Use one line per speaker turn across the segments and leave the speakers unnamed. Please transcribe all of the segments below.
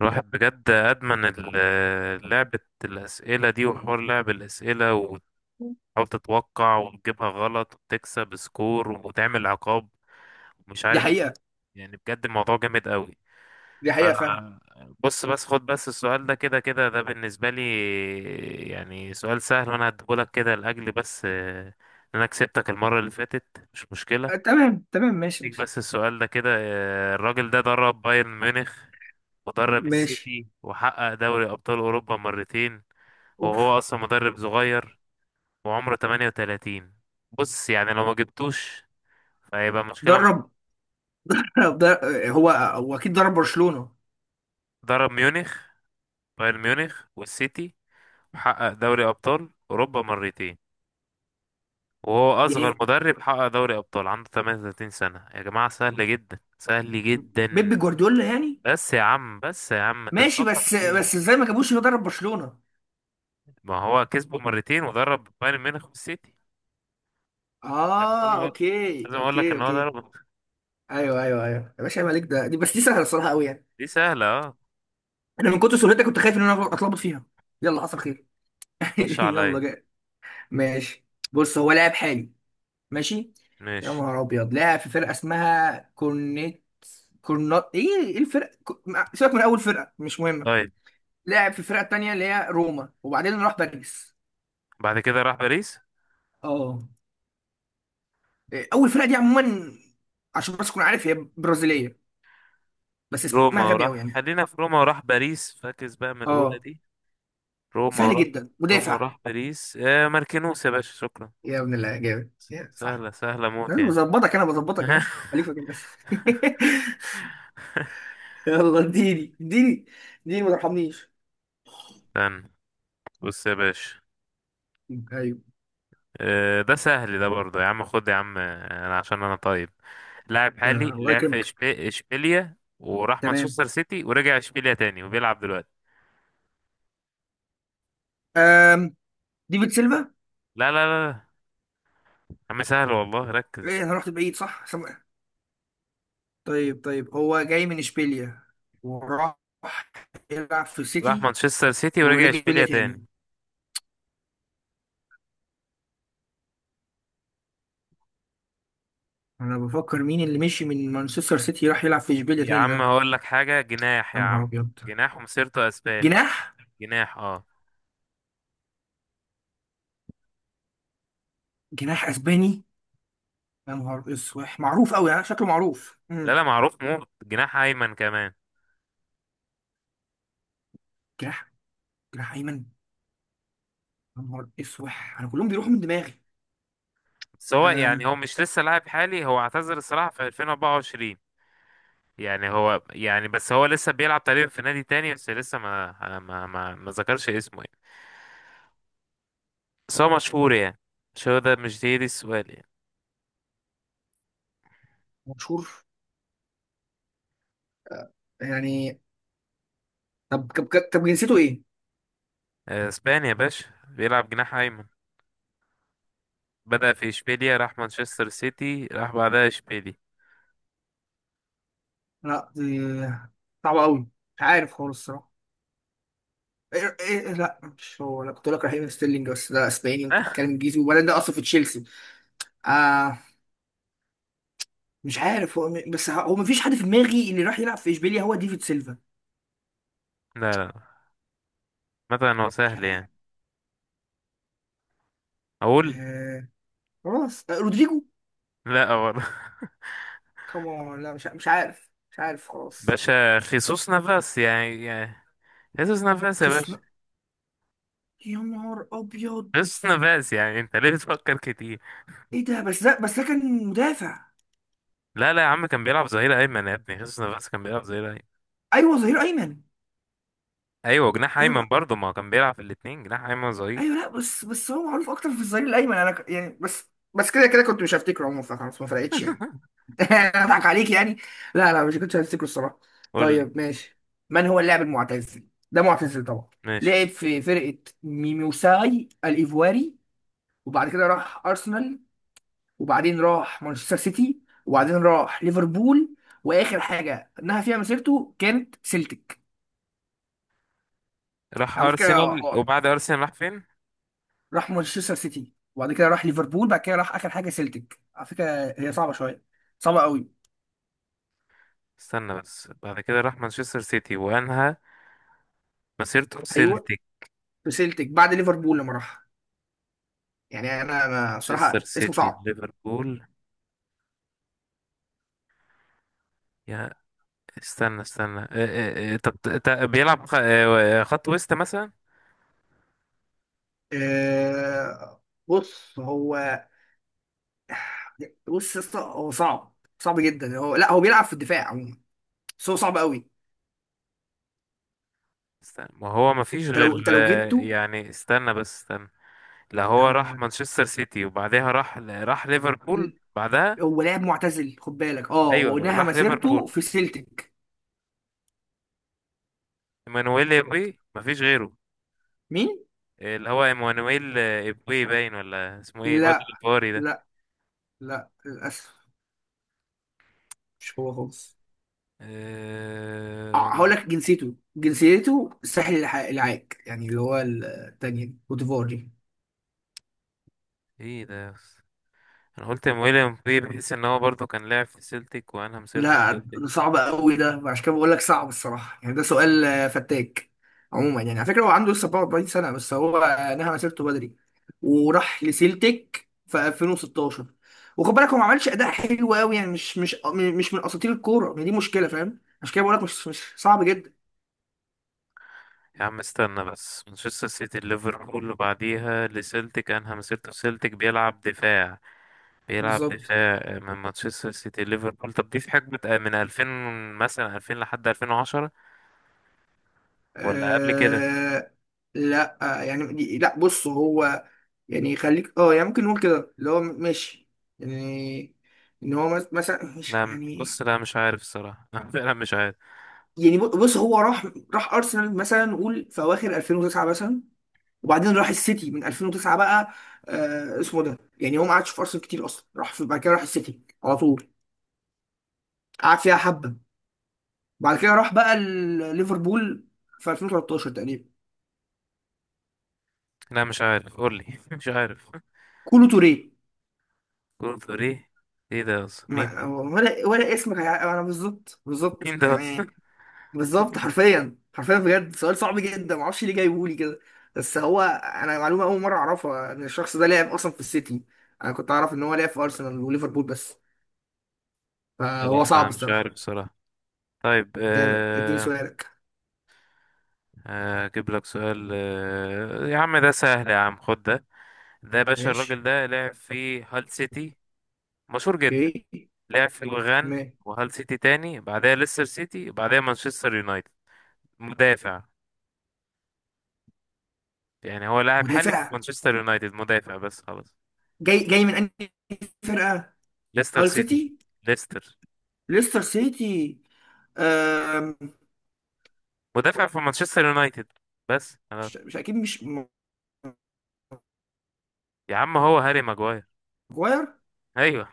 الواحد بجد أدمن لعبة الأسئلة دي وحوار لعب الأسئلة وتحاول تتوقع وتجيبها غلط وتكسب سكور وتعمل عقاب ومش
دي
عارف ايه.
حقيقة
يعني بجد الموضوع جامد قوي.
دي حقيقة فعلا.
فأنا بص، بس خد بس السؤال ده، كده ده بالنسبة لي يعني سؤال سهل، وأنا هديهولك كده لأجل بس إن أنا كسبتك المرة اللي فاتت، مش مشكلة
تمام تمام ماشي.
ليك. بس السؤال ده كده: الراجل ده درب بايرن ميونخ، مدرب
ماشي.
السيتي، وحقق دوري أبطال أوروبا مرتين،
اوف.
وهو أصلا مدرب صغير وعمره 38. بص يعني لو ما جبتوش فهيبقى مشكلة معاك.
درب. هو اكيد درب برشلونة.
درب ميونخ، بايرن ميونخ والسيتي، وحقق دوري أبطال أوروبا مرتين، وهو
يعني
أصغر مدرب حقق دوري أبطال، عنده 38 سنة يا جماعة. سهل جدا، سهل جدا.
بيب جوارديولا يعني.
بس يا عم، بس يا عم، أنت
ماشي.
بتفكر
بس
في
بس
إيه؟
ازاي ما جابوش؟ هو درب برشلونة.
ما هو كسبه مرتين ودرب بايرن ميونخ والسيتي. مش لازم
اه،
أقول،
اوكي
لازم أقول لك
اوكي
إن هو
اوكي.
درب.
ايوه ايوه ايوه يا باشا، عيب عليك. ده دي بس دي سهلة الصراحة قوي يعني.
دي سهلة اه.
انا من كتر سهولتها كنت خايف ان انا اتلخبط فيها. يلا، حصل خير.
خش
يلا
عليا.
جاي. ماشي. بص، هو لاعب حالي. ماشي. يا
ماشي.
نهار ابيض! لاعب في فرقة اسمها كورنيت، كورنا، ايه؟ ايه الفرق؟ سيبك من اول فرقه، مش مهمه.
طيب،
لعب في الفرقه التانيه اللي هي روما وبعدين راح باريس.
بعد كده راح باريس.
اه. إيه، اول فرقه دي عموما عشان بس تكون عارف هي برازيليه، بس اسمها
روما
غبي قوي
وراح،
يعني.
خلينا في روما وراح باريس. فاكس بقى من الأولى
اه،
دي. روما
سهل
وراح،
جدا.
روما
مدافع.
وراح باريس. آه ماركينوس يا باشا، شكرا.
يا ابن الله جامد. يا صح.
سهلة، سهلة موت
انا
يعني.
بظبطك انا بظبطك انا خليفه كده بس. يلا اديني اديني اديني، ما ترحمنيش.
استنى، بص يا باشا.
ايوه.
آه ده سهل ده برضه، يا عم خد يا عم، أنا عشان أنا طيب. لاعب حالي
يا الله
لعب في
يكرمك.
إشبيليا، وراح
تمام.
مانشستر سيتي، ورجع إشبيليا تاني، وبيلعب دلوقتي.
أم. ديفيد سيلفا.
لا لا لا لا. يا عم سهل والله،
ايه،
ركز.
انا رحت بعيد صح. طيب طيب، هو جاي من اشبيليا وراح يلعب في
راح
سيتي
مانشستر سيتي ورجع
ورجع اشبيليا
إشبيليا
تاني.
تاني.
انا بفكر مين اللي مشي من مانشستر سيتي راح يلعب في اشبيليا
يا
تاني
عم
ده.
هقول لك حاجة، جناح
يا
يا
نهار
عم.
ابيض!
جناح، ومسيرته اسباني.
جناح.
جناح اه.
جناح اسباني. يا نهار اسوح، معروف قوي يعني، شكله معروف.
لا لا، معروف موت، جناح ايمن كمان.
جناح، جناح ايمن. يا نهار اسوح، انا كلهم بيروحوا من دماغي.
بس هو يعني،
أم.
هو مش لسه لاعب حالي، هو اعتزل الصراحة في 2024. يعني هو يعني، بس هو لسه بيلعب تقريبا في نادي تاني، بس لسه ما ذكرش اسمه يعني. بس هو مشهور يعني. مش هو ده، مش دي السؤال يعني.
مشهور يعني. طب طب طب، جنسيته ايه؟
اسباني يا باشا، بيلعب جناح ايمن. بدأ في اشبيليا، راح مانشستر سيتي، راح بعدها اشبيليا.
لا، دي صعبة قوي. مش عارف خالص الصراحة. إيه إيه إيه، لا مش هو. انا كنت بقول لك رحيم ستيرلينج، بس ده اسباني انت بتتكلم انجليزي، وبعدين ده اصلا في تشيلسي. آه مش عارف هو هو مفيش حد في دماغي اللي راح يلعب في اشبيليا هو ديفيد سيلفا.
لا لا. مثلا هو
مش
سهل
عارف.
يعني. اقول.
آه، خلاص. رودريجو
لا برضه.
كمان. لا مش عارف خلاص.
باشا خيسوس نافاس يعني خيسوس نافاس يا
خسنا.
باشا.
يا نهار ابيض.
خيسوس نافاس يعني، انت ليه بتفكر كتير؟
ايه ده، بس ده بس ده كان مدافع.
لا لا يا عم، كان بيلعب ظهير ايمن يا ابني. خيسوس نافاس كان بيلعب ظهير ايمن.
ايوه، ظهير ايمن.
ايوه جناح ايمن
يلا.
برضه، ما هو كان بيلعب في الاتنين، جناح ايمن، ظهير.
ايوه، لا، بس هو معروف اكتر في الظهير الايمن، انا يعني بس كده كنت مش هفتكره عموما، فخلاص ما فرقتش يعني. اضحك عليك يعني. لا لا، مش كنتش هفتكره الصراحه.
قول لي.
طيب ماشي. من هو اللاعب المعتزل ده؟ معتزل طبعا.
ماشي.
لعب في فرقه ميموساي الايفواري، وبعد كده راح ارسنال، وبعدين راح مانشستر سيتي، وبعدين راح ليفربول، واخر حاجه انها فيها مسيرته كانت سيلتيك.
راح
على فكره،
ارسنال، وبعد ارسنال راح فين؟
راح مانشستر سيتي وبعد كده راح ليفربول، بعد كده راح اخر حاجه سيلتيك على فكره. هي صعبه شويه، صعبه قوي.
استنى بس، بعد كده راح مانشستر سيتي وانهى مسيرته في
ايوه،
سيلتيك.
في سيلتيك بعد ليفربول لما راح. يعني انا ما
مانشستر
صراحه اسمه
سيتي،
صعب.
ليفربول. يا استنى استنى اه اه اه. طب بيلعب خط وسط مثلا.
أه، بص هو بص يا اسطى، هو صعب صعب جدا. لا هو بيلعب في الدفاع عموما، بس هو صعب قوي.
استنى، ما هو ما فيش غير
انت لو جبته.
يعني، استنى بس استنى. لا هو راح
آه،
مانشستر سيتي وبعدها راح ليفربول بعدها.
هو لاعب معتزل خد بالك، اه،
ايوه
وانها
راح
مسيرته
ليفربول.
في سيلتيك.
ايمانويل ايبوي، ما فيش غيره.
مين؟
اللي هو ايمانويل ايبوي، باين ولا اسمه ايه الواد
لا
الباري ده؟
لا لا، للاسف مش هو خالص.
آه،
هقول لك جنسيته. الساحل العاج، يعني اللي هو التانية كوت ديفوار دي.
ايه ده يا أسطى؟ انا قلت ايمانويل ايبوي بحيث ان هو برضه كان لاعب في سيلتيك، وانا مسيرته في
لا،
سيلتيك.
ده صعب قوي ده، عشان كده بقول لك صعب الصراحه يعني. ده سؤال فتاك. عموما يعني، على فكره هو عنده لسه 44 سنه، بس هو نهى مسيرته بدري وراح لسيلتيك في 2016. وخد بالك هو ما عملش اداء حلو قوي يعني، مش من اساطير الكوره، ما دي مشكله فاهم، عشان كده بقول لك مش صعب جدا.
يا عم استنى بس، مانشستر سيتي، ليفربول، وبعديها لسيلتيك، انهى مسيرته في سيلتيك. بيلعب دفاع، بيلعب
بالظبط.
دفاع، من مانشستر سيتي ليفربول. طب دي في حقبة من 2000 مثلا، 2000 لحد 2010، ولا قبل كده؟
آه لا، يعني دي، لا بص هو. يعني خليك اه يعني، ممكن نقول كده اللي هو ماشي يعني، ان هو مثلا مش
لا
يعني.
بص، لا مش عارف الصراحة. لا فعلا مش عارف.
يعني بص هو راح ارسنال مثلا نقول في اواخر 2009 مثلا، وبعدين راح السيتي من 2009 بقى. اسمه ده يعني. هو ما قعدش في ارسنال كتير اصلا، راح في بعد كده راح السيتي على طول، قعد فيها حبه، بعد كده راح بقى ليفربول في 2013 تقريبا.
لا مش عارف، قول لي. مش عارف.
كولو توريه.
كول ايه؟ ايه ده اصلا، مين ده؟
ولا اسمك انا بالظبط. بالظبط
مين ده اصلا؟
يعني، بالظبط حرفيا حرفيا بجد، سؤال صعب جدا ما اعرفش ليه جايبهولي كده. بس هو انا معلومه اول مره اعرفها ان الشخص ده لعب اصلا في السيتي. انا كنت اعرف ان هو لعب في ارسنال وليفربول بس، فهو
لا، ما
صعب
مش
الصراحه.
عارف الصراحة. طيب
جامد. اديني سؤالك.
اجيب لك سؤال. يا عم ده سهل، يا عم خد ده. ده يا باشا،
ماشي.
الراجل ده لعب في هال سيتي، مشهور جدا،
اوكي.
لعب في الغان
ما-
وهال سيتي تاني، بعدها ليستر سيتي، بعدها مانشستر يونايتد، مدافع. يعني هو لاعب حالي في
مدافع.
مانشستر يونايتد، مدافع، بس خلاص.
جاي من انهي فرقه؟
ليستر
هال
سيتي.
سيتي.
ليستر.
ليستر سيتي. أم...
مدافع في مانشستر يونايتد، بس خلاص.
مش اكيد مش م-
يا عم هو هاري ماجواير.
ماجواير.
ايوه.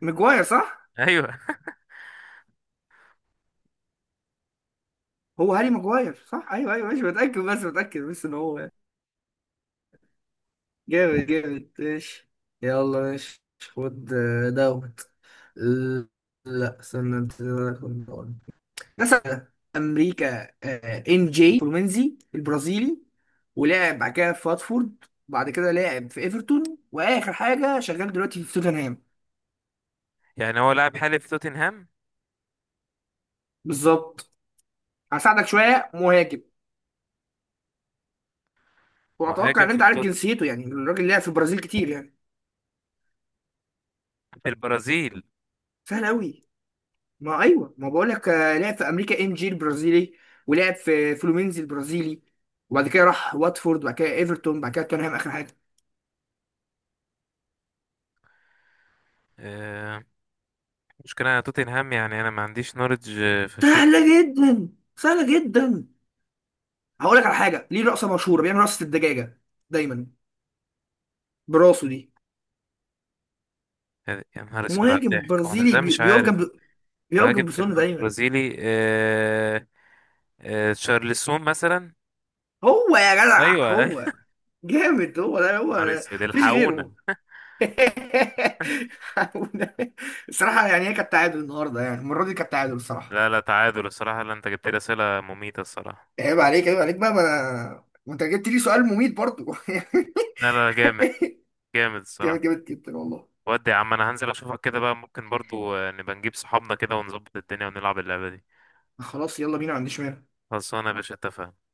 ماجواير صح.
ايوه.
هو هاري ماجواير صح. ايوه ايوه ماشي. بتاكد بس ان هو جامد. جامد ماشي. يلا ماشي. خد دوت ال- لا استنى انت، خد دوت. مثلا امريكا ان جي كرومنزي البرازيلي، ولعب بعد كده في واتفورد، بعد كده لعب في ايفرتون، واخر حاجه شغال دلوقتي في توتنهام.
يعني هو لاعب حالي في توتنهام.
بالظبط. هساعدك شويه، مهاجم. واتوقع
مهاجم
ان
في
انت عارف
التوت،
جنسيته يعني، الراجل لعب في البرازيل كتير يعني.
في البرازيل.
سهل قوي. ما ايوه ما بقول لك، لعب في امريكا ام جي البرازيلي ولعب في فلومينز البرازيلي، وبعد كده راح واتفورد، وبعد كده ايفرتون، وبعد كده توتنهام اخر حاجه.
آه. مشكلة انا توتنهام يعني، انا ما عنديش نولج فشيخ.
سهله جدا، سهله جدا. هقول لك على حاجه، ليه رقصه مشهوره، بيعمل رقصه الدجاجه دايما براسه دي.
يا نهار اسود على
مهاجم
الضحك، وانا
برازيلي،
ازاي مش عارف؟
بيقف
مهاجم
جنب سون دايما.
برازيلي آه. تشارلسون مثلا.
هو! يا جدع
ايوه ايوه.
هو. جامد، هو ده
نهار
هو.
اسود،
مفيش
الحقونا.
غيره. الصراحه يعني، هي كانت تعادل النهارده، يعني المره دي كانت تعادل الصراحه.
لا لا، تعادل الصراحه، لا، انت جبت لي اسئله مميته الصراحه.
عيب عليك، عيب عليك بقى، ما انت جبت لي سؤال مميت برضو.
لا لا، جامد، جامد
جامد،
الصراحه.
جامد جدا والله.
ودي يا عم انا هنزل اشوفك كده بقى، ممكن برضو نبقى نجيب صحابنا كده ونظبط الدنيا ونلعب اللعبه دي.
خلاص يلا بينا، ما عنديش مانع.
خلصانه يا باشا، اتفقنا.